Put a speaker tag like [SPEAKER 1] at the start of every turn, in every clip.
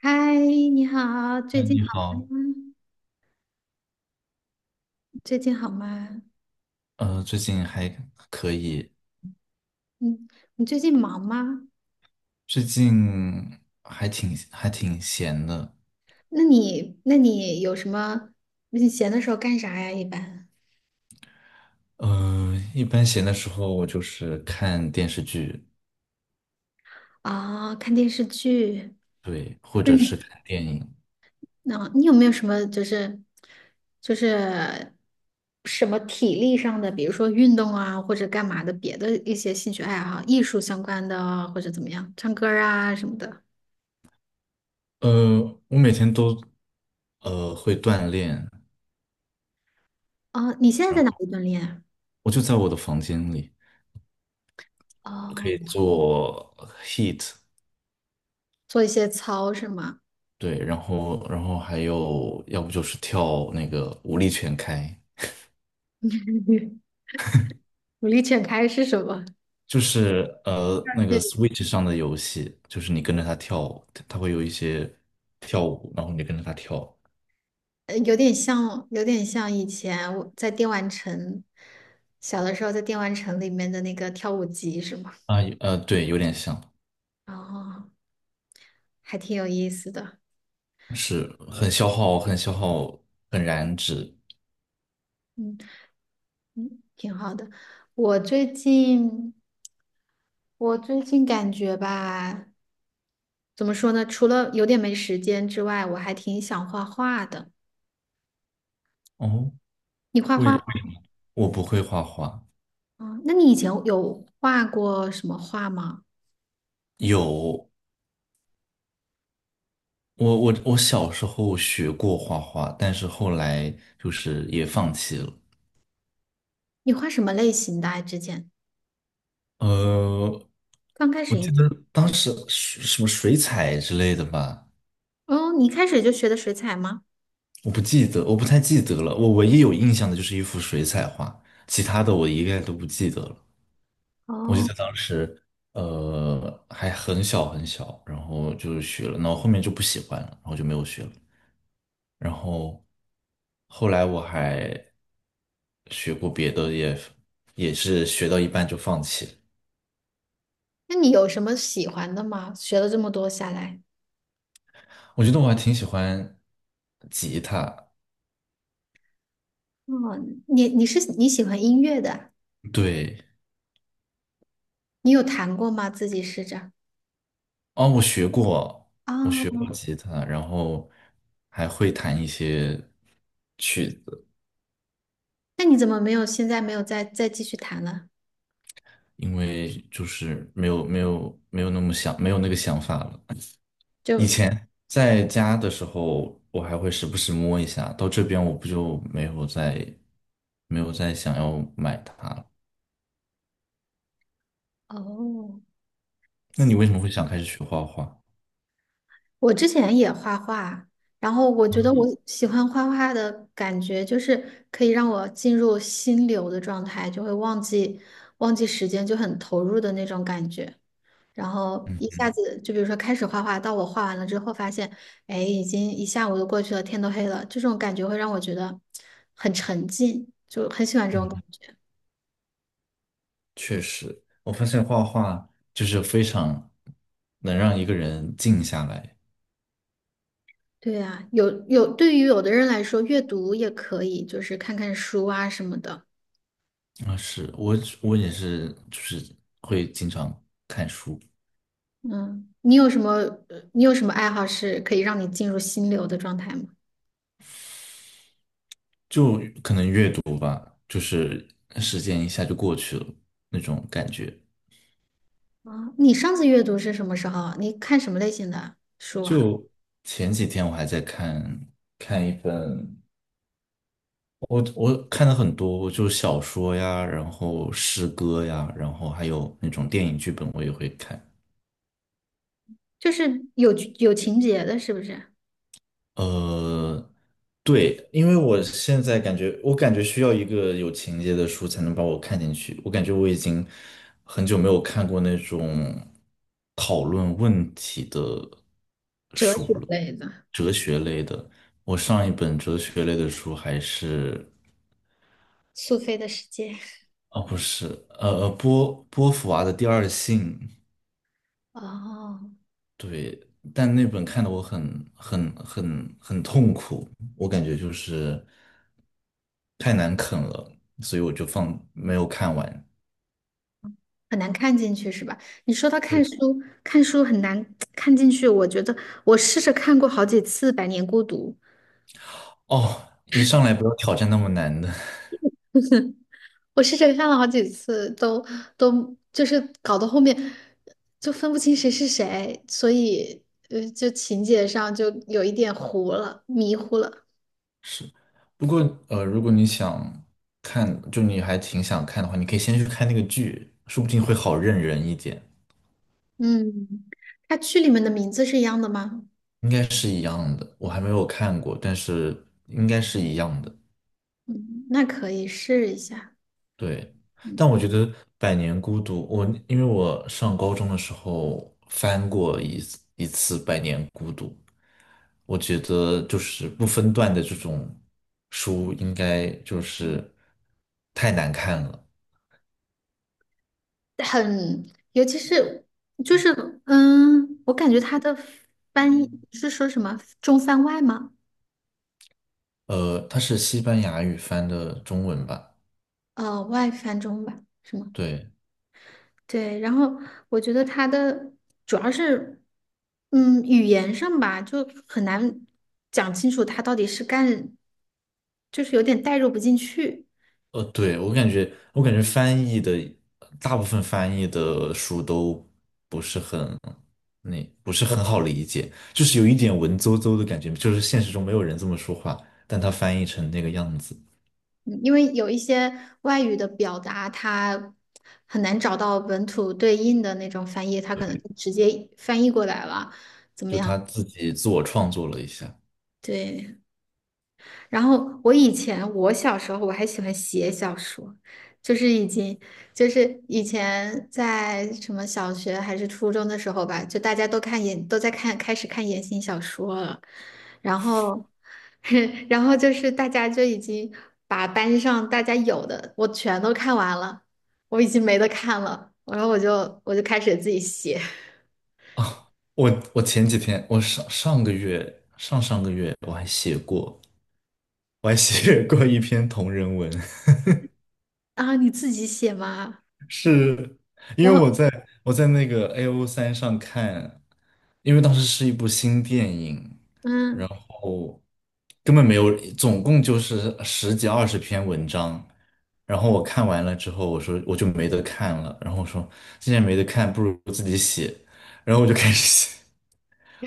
[SPEAKER 1] 嗨，你好，最
[SPEAKER 2] 嗯，
[SPEAKER 1] 近
[SPEAKER 2] 你
[SPEAKER 1] 好
[SPEAKER 2] 好，
[SPEAKER 1] 吗？最近好吗？
[SPEAKER 2] 最近还可以，
[SPEAKER 1] 嗯，你最近忙吗？
[SPEAKER 2] 最近还挺闲的。
[SPEAKER 1] 那你，那你有什么？你闲的时候干啥呀？一般
[SPEAKER 2] 一般闲的时候我就是看电视剧。
[SPEAKER 1] 啊，看电视剧。
[SPEAKER 2] 对，或
[SPEAKER 1] 那
[SPEAKER 2] 者
[SPEAKER 1] 你，
[SPEAKER 2] 是看电影。
[SPEAKER 1] 那、你有没有什么就是就是什么体力上的，比如说运动啊，或者干嘛的别的一些兴趣爱好，艺术相关的啊，或者怎么样，唱歌儿啊什么的。
[SPEAKER 2] 呃，我每天都会锻炼。
[SPEAKER 1] 哦，你现在
[SPEAKER 2] 然
[SPEAKER 1] 在哪
[SPEAKER 2] 后
[SPEAKER 1] 里锻炼啊？
[SPEAKER 2] 我就在我的房间里可以
[SPEAKER 1] 哦，
[SPEAKER 2] 做 HEAT。
[SPEAKER 1] 做一些操是吗？
[SPEAKER 2] 对，然后还有要不就是跳那个舞力全开。
[SPEAKER 1] 努力全开是什么？
[SPEAKER 2] 就是那个 Switch 上的游戏，就是你跟着它跳舞，它会有一些跳舞，然后你跟着它跳。
[SPEAKER 1] 有点像，有点像以前我在电玩城，小的时候在电玩城里面的那个跳舞机是吗？
[SPEAKER 2] 啊，对，有点像。
[SPEAKER 1] 哦，还挺有意思的。
[SPEAKER 2] 是很消耗，很消耗，很燃脂。
[SPEAKER 1] 嗯嗯，挺好的。我最近，我最近感觉吧，怎么说呢？除了有点没时间之外，我还挺想画画的。
[SPEAKER 2] 哦，
[SPEAKER 1] 你画
[SPEAKER 2] 为
[SPEAKER 1] 画
[SPEAKER 2] 为
[SPEAKER 1] 吗？
[SPEAKER 2] 什么我不会画画。
[SPEAKER 1] 哦，那你以前有画过什么画吗？
[SPEAKER 2] 有，我小时候学过画画，但是后来就是也放弃了。
[SPEAKER 1] 你画什么类型的啊之前
[SPEAKER 2] 呃，
[SPEAKER 1] 刚开
[SPEAKER 2] 我
[SPEAKER 1] 始应
[SPEAKER 2] 记
[SPEAKER 1] 该。
[SPEAKER 2] 得当时水什么水彩之类的吧。
[SPEAKER 1] 哦，你一开始就学的水彩吗？
[SPEAKER 2] 我不记得，我不太记得了。我唯一有印象的就是一幅水彩画，其他的我一概都不记得了。我记
[SPEAKER 1] 哦，
[SPEAKER 2] 得当时，还很小很小，然后就学了，然后后面就不喜欢了，然后就没有学了。然后后来我还学过别的也是学到一半就放弃了。
[SPEAKER 1] 那你有什么喜欢的吗？学了这么多下来，
[SPEAKER 2] 我觉得我还挺喜欢吉他。
[SPEAKER 1] 哦，你喜欢音乐的啊
[SPEAKER 2] 对。
[SPEAKER 1] 你有弹过吗？自己试着。
[SPEAKER 2] 哦，我学
[SPEAKER 1] 啊？
[SPEAKER 2] 过吉他，然后还会弹一些曲子。
[SPEAKER 1] 那你怎么没有现在没有再继续弹了？
[SPEAKER 2] 因为就是没有那么想，没有那个想法了。以
[SPEAKER 1] 就
[SPEAKER 2] 前在家的时候，我还会时不时摸一下，到这边我不就没有再想要买它了。
[SPEAKER 1] 哦，
[SPEAKER 2] 那你
[SPEAKER 1] 几
[SPEAKER 2] 为什么会想开始学画画？
[SPEAKER 1] 我之前也画画，然后我觉得我喜欢画画的感觉，就是可以让我进入心流的状态，就会忘记时间，就很投入的那种感觉。然后
[SPEAKER 2] 嗯，
[SPEAKER 1] 一下子就比如说开始画画，到我画完了之后发现，哎，已经一下午都过去了，天都黑了，这种感觉会让我觉得很沉浸，就很喜欢这种感觉。
[SPEAKER 2] 确实，我发现画画就是非常能让一个人静下来。
[SPEAKER 1] 对呀，有，对于有的人来说，阅读也可以，就是看看书啊什么的。
[SPEAKER 2] 啊，是，我也是，就是会经常看书。
[SPEAKER 1] 嗯，你有什么爱好是可以让你进入心流的状态吗？
[SPEAKER 2] 就可能阅读，就是时间一下就过去了那种感觉。
[SPEAKER 1] 啊，你上次阅读是什么时候啊？你看什么类型的书啊？
[SPEAKER 2] 就前几天我还在看一本，我看了很多，就小说呀，然后诗歌呀，然后还有那种电影剧本，我也会看。
[SPEAKER 1] 就是有情节的，是不是？
[SPEAKER 2] 呃，对，因为我感觉需要一个有情节的书才能把我看进去。我感觉我已经很久没有看过那种讨论问题的。
[SPEAKER 1] 哲学类的。
[SPEAKER 2] 我上一本哲学类的书还是，
[SPEAKER 1] 苏菲的世界。
[SPEAKER 2] 哦，不是，波伏娃的《第二性》。
[SPEAKER 1] 哦，
[SPEAKER 2] 对，但那本看的我很痛苦，我感觉就是太难啃了，所以我就放没有看完。
[SPEAKER 1] 很难看进去是吧？你说他看书，看书很难看进去，我觉得我试着看过好几次《百年孤独》，
[SPEAKER 2] 哦，一上来不要挑战那么难的。
[SPEAKER 1] 我试着看了好几次，都就是搞到后面就分不清谁是谁，所以就情节上就有一点糊了，迷糊了。
[SPEAKER 2] 是，不过如果你想看，就你还挺想看的话，你可以先去看那个剧，说不定会好认人一点。
[SPEAKER 1] 嗯，它剧里面的名字是一样的吗？
[SPEAKER 2] 应该是一样的，我还没有看过，但是应该是一样的。
[SPEAKER 1] 嗯，那可以试一下。
[SPEAKER 2] 对，
[SPEAKER 1] 嗯
[SPEAKER 2] 但我觉得《百年孤独》，因为我上高中的时候翻过一次《百年孤独》，我觉得就是不分段的这种书应该就是太难看了。
[SPEAKER 1] 很，尤其是就是，嗯，我感觉他的翻译是说什么中翻外吗？
[SPEAKER 2] 它是西班牙语翻的中文吧？
[SPEAKER 1] 呃，外翻中吧，什么？
[SPEAKER 2] 对，
[SPEAKER 1] 对，然后我觉得他的主要是，嗯，语言上吧，就很难讲清楚他到底是干，就是有点代入不进去。
[SPEAKER 2] 对，我感觉翻译的大部分翻译的书都不是很，那不是很好理解，就是有一点文绉绉的感觉，就是现实中没有人这么说话，但他翻译成那个样子。
[SPEAKER 1] 嗯因为有一些外语的表达，它很难找到本土对应的那种翻译，它可能
[SPEAKER 2] 对，
[SPEAKER 1] 就直接翻译过来了。怎么
[SPEAKER 2] 就他
[SPEAKER 1] 样？
[SPEAKER 2] 自己自我创作了一下。
[SPEAKER 1] 对，我以前我小时候我还喜欢写小说，就是已经就是以前在什么小学还是初中的时候吧，就大家都看言都在看开始看言情小说了，然后 然后就是大家就已经把班上大家有的我全都看完了，我已经没得看了，然后我就开始自己写。
[SPEAKER 2] 我前几天，我上上个月我还写过一篇同人文。
[SPEAKER 1] 啊，你自己写吗？
[SPEAKER 2] 是因
[SPEAKER 1] 然
[SPEAKER 2] 为
[SPEAKER 1] 后
[SPEAKER 2] 我在那个 AO3 三上看，因为当时是一部新电影，
[SPEAKER 1] 嗯，
[SPEAKER 2] 然后根本没有，总共就是十几二十篇文章。然后我看完了之后，我说我就没得看了。然后我说既然没得看，不如自己写。然后我就开始写，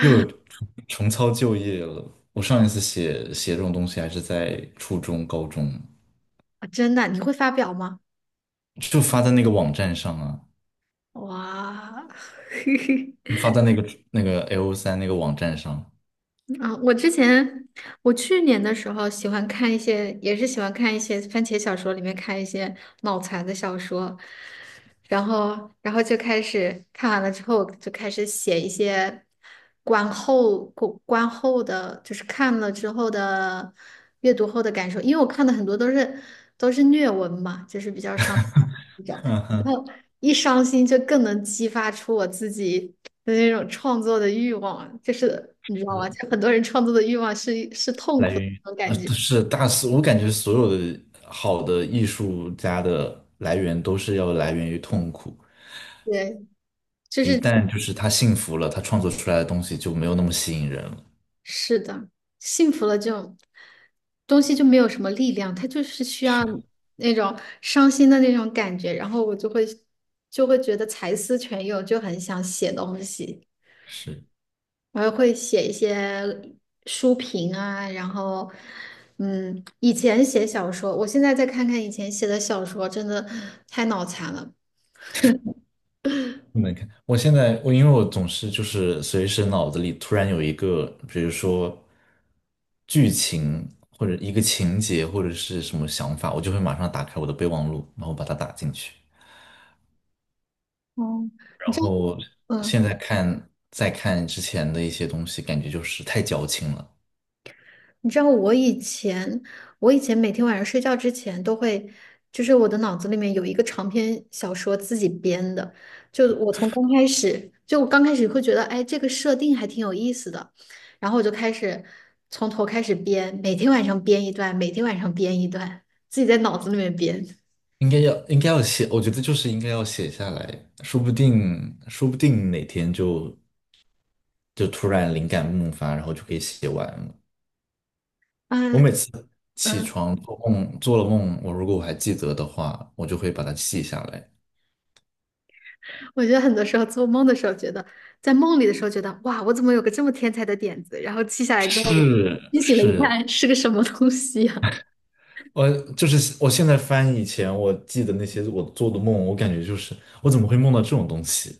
[SPEAKER 2] 又有重操旧业了。我上一次写这种东西还是在初中、高中，
[SPEAKER 1] 啊真的你会发表吗？
[SPEAKER 2] 就发在那个网站上啊。
[SPEAKER 1] 哇，
[SPEAKER 2] 就发在那个 LO3那个网站上。
[SPEAKER 1] 啊，我之前我去年的时候喜欢看一些，也是喜欢看一些番茄小说里面看一些脑残的小说，然后就开始看完了之后就开始写一些观后的，就是看了之后的阅读后的感受，因为我看的很多都是虐文嘛，就是比较伤。一 种，
[SPEAKER 2] 哼
[SPEAKER 1] 然
[SPEAKER 2] 哼，
[SPEAKER 1] 后一伤心就更能激发出我自己的那种创作的欲望，就是你知道吗？
[SPEAKER 2] 是
[SPEAKER 1] 就很多人创作的欲望是痛
[SPEAKER 2] 来
[SPEAKER 1] 苦的
[SPEAKER 2] 源于
[SPEAKER 1] 那种感觉，
[SPEAKER 2] 都是大师，我感觉所有的好的艺术家的来源都是要来源于痛苦。
[SPEAKER 1] 对，就
[SPEAKER 2] 一
[SPEAKER 1] 是
[SPEAKER 2] 旦就是他幸福了，他创作出来的东西就没有那么吸引人了。
[SPEAKER 1] 是的，幸福了这种东西就没有什么力量，它就是需要
[SPEAKER 2] 是
[SPEAKER 1] 那种伤心的那种感觉，然后我就会觉得才思泉涌，就很想写东西。
[SPEAKER 2] 是，
[SPEAKER 1] 我还会写一些书评啊，然后，嗯，以前写小说，我现在再看看以前写的小说，真的太脑残了。
[SPEAKER 2] 不能看。我现在我因为我总是就是随时脑子里突然有一个，比如说剧情或者一个情节或者是什么想法，我就会马上打开我的备忘录，然后把它打进去。
[SPEAKER 1] 哦，
[SPEAKER 2] 然
[SPEAKER 1] 你知道，
[SPEAKER 2] 后现
[SPEAKER 1] 嗯，
[SPEAKER 2] 在看再看之前的一些东西，感觉就是太矫情了。
[SPEAKER 1] 你知道我以前，我以前每天晚上睡觉之前都会，就是我的脑子里面有一个长篇小说自己编的，就我刚开始会觉得，哎，这个设定还挺有意思的，然后我就开始从头开始编，每天晚上编一段，自己在脑子里面编。
[SPEAKER 2] 应该要写，我觉得就是应该要写下来，说不定哪天就突然灵感迸发，然后就可以写完了。我
[SPEAKER 1] 嗯
[SPEAKER 2] 每次起
[SPEAKER 1] 嗯，
[SPEAKER 2] 床做了梦，我如果我还记得的话，我就会把它记下来。
[SPEAKER 1] 我觉得很多时候做梦的时候，觉得在梦里的时候觉得，哇，我怎么有个这么天才的点子，然后记下来之后，
[SPEAKER 2] 是
[SPEAKER 1] 清醒了一
[SPEAKER 2] 是，
[SPEAKER 1] 看，是个什么东西呀、
[SPEAKER 2] 我就是我现在翻以前我记得那些我做的梦，我感觉就是我怎么会梦到这种东西？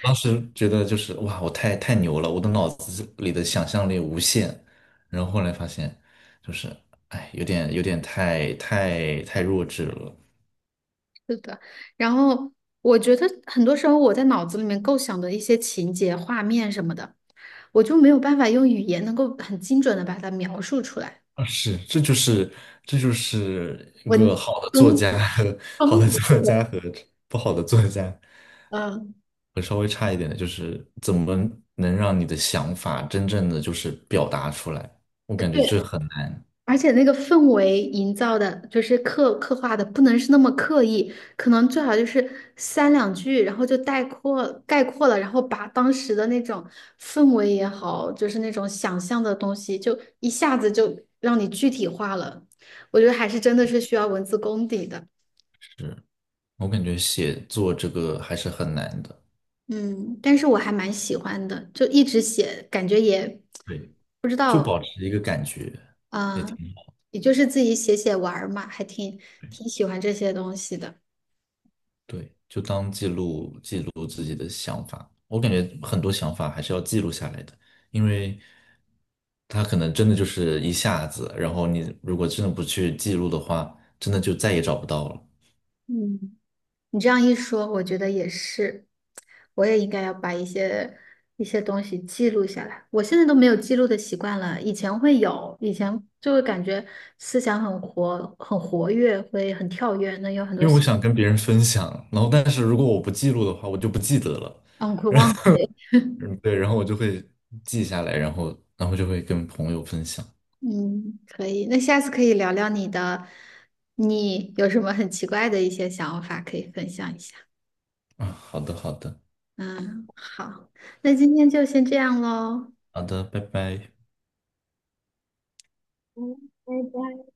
[SPEAKER 2] 当时觉得就是哇，我太牛了，我的脑子里的想象力无限。然后后来发现，就是哎，有点太弱智了。
[SPEAKER 1] 是的，然后我觉得很多时候我在脑子里面构想的一些情节、画面什么的，我就没有办法用语言能够很精准的把它描述出来。
[SPEAKER 2] 啊，是，这就是一个
[SPEAKER 1] 文风
[SPEAKER 2] 好的
[SPEAKER 1] 风景，
[SPEAKER 2] 作家和不好的作家，
[SPEAKER 1] 嗯，
[SPEAKER 2] 和稍微差一点的，就是怎么能让你的想法真正的就是表达出来？我感觉这
[SPEAKER 1] 对。
[SPEAKER 2] 很难。
[SPEAKER 1] 而且那个氛围营造的，就是刻画的，不能是那么刻意，可能最好就是三两句，然后就概括了，然后把当时的那种氛围也好，就是那种想象的东西，就一下子就让你具体化了。我觉得还是真的是需要文字功底的，
[SPEAKER 2] 是，我感觉写作这个还是很难的。
[SPEAKER 1] 嗯，但是我还蛮喜欢的，就一直写，感觉也
[SPEAKER 2] 对。
[SPEAKER 1] 不知
[SPEAKER 2] 就
[SPEAKER 1] 道，
[SPEAKER 2] 保持一个感觉也
[SPEAKER 1] 啊、
[SPEAKER 2] 挺好
[SPEAKER 1] 也就是自己写写玩儿嘛，
[SPEAKER 2] 的。
[SPEAKER 1] 挺喜欢这些东西的。
[SPEAKER 2] 对，就当记录记录自己的想法。我感觉很多想法还是要记录下来的，因为它可能真的就是一下子，然后你如果真的不去记录的话，真的就再也找不到了。
[SPEAKER 1] 嗯，你这样一说，我觉得也是，我也应该要把一些东西记录下来。我现在都没有记录的习惯了，以前会有，以前就会感觉思想很活跃，会很跳跃，能有很多
[SPEAKER 2] 因为我
[SPEAKER 1] 想，
[SPEAKER 2] 想跟别人分享，然后但是如果我不记录的话，我就不记得了。
[SPEAKER 1] 嗯，会忘记。
[SPEAKER 2] 嗯，对，然后我就会记下来，然后就会跟朋友分享。
[SPEAKER 1] 嗯，可以。那下次可以聊聊你的，你有什么很奇怪的一些想法可以分享一下？
[SPEAKER 2] 啊，好的，好的，
[SPEAKER 1] 嗯，好，那今天就先这样喽。
[SPEAKER 2] 好的，拜拜。
[SPEAKER 1] 嗯，拜拜。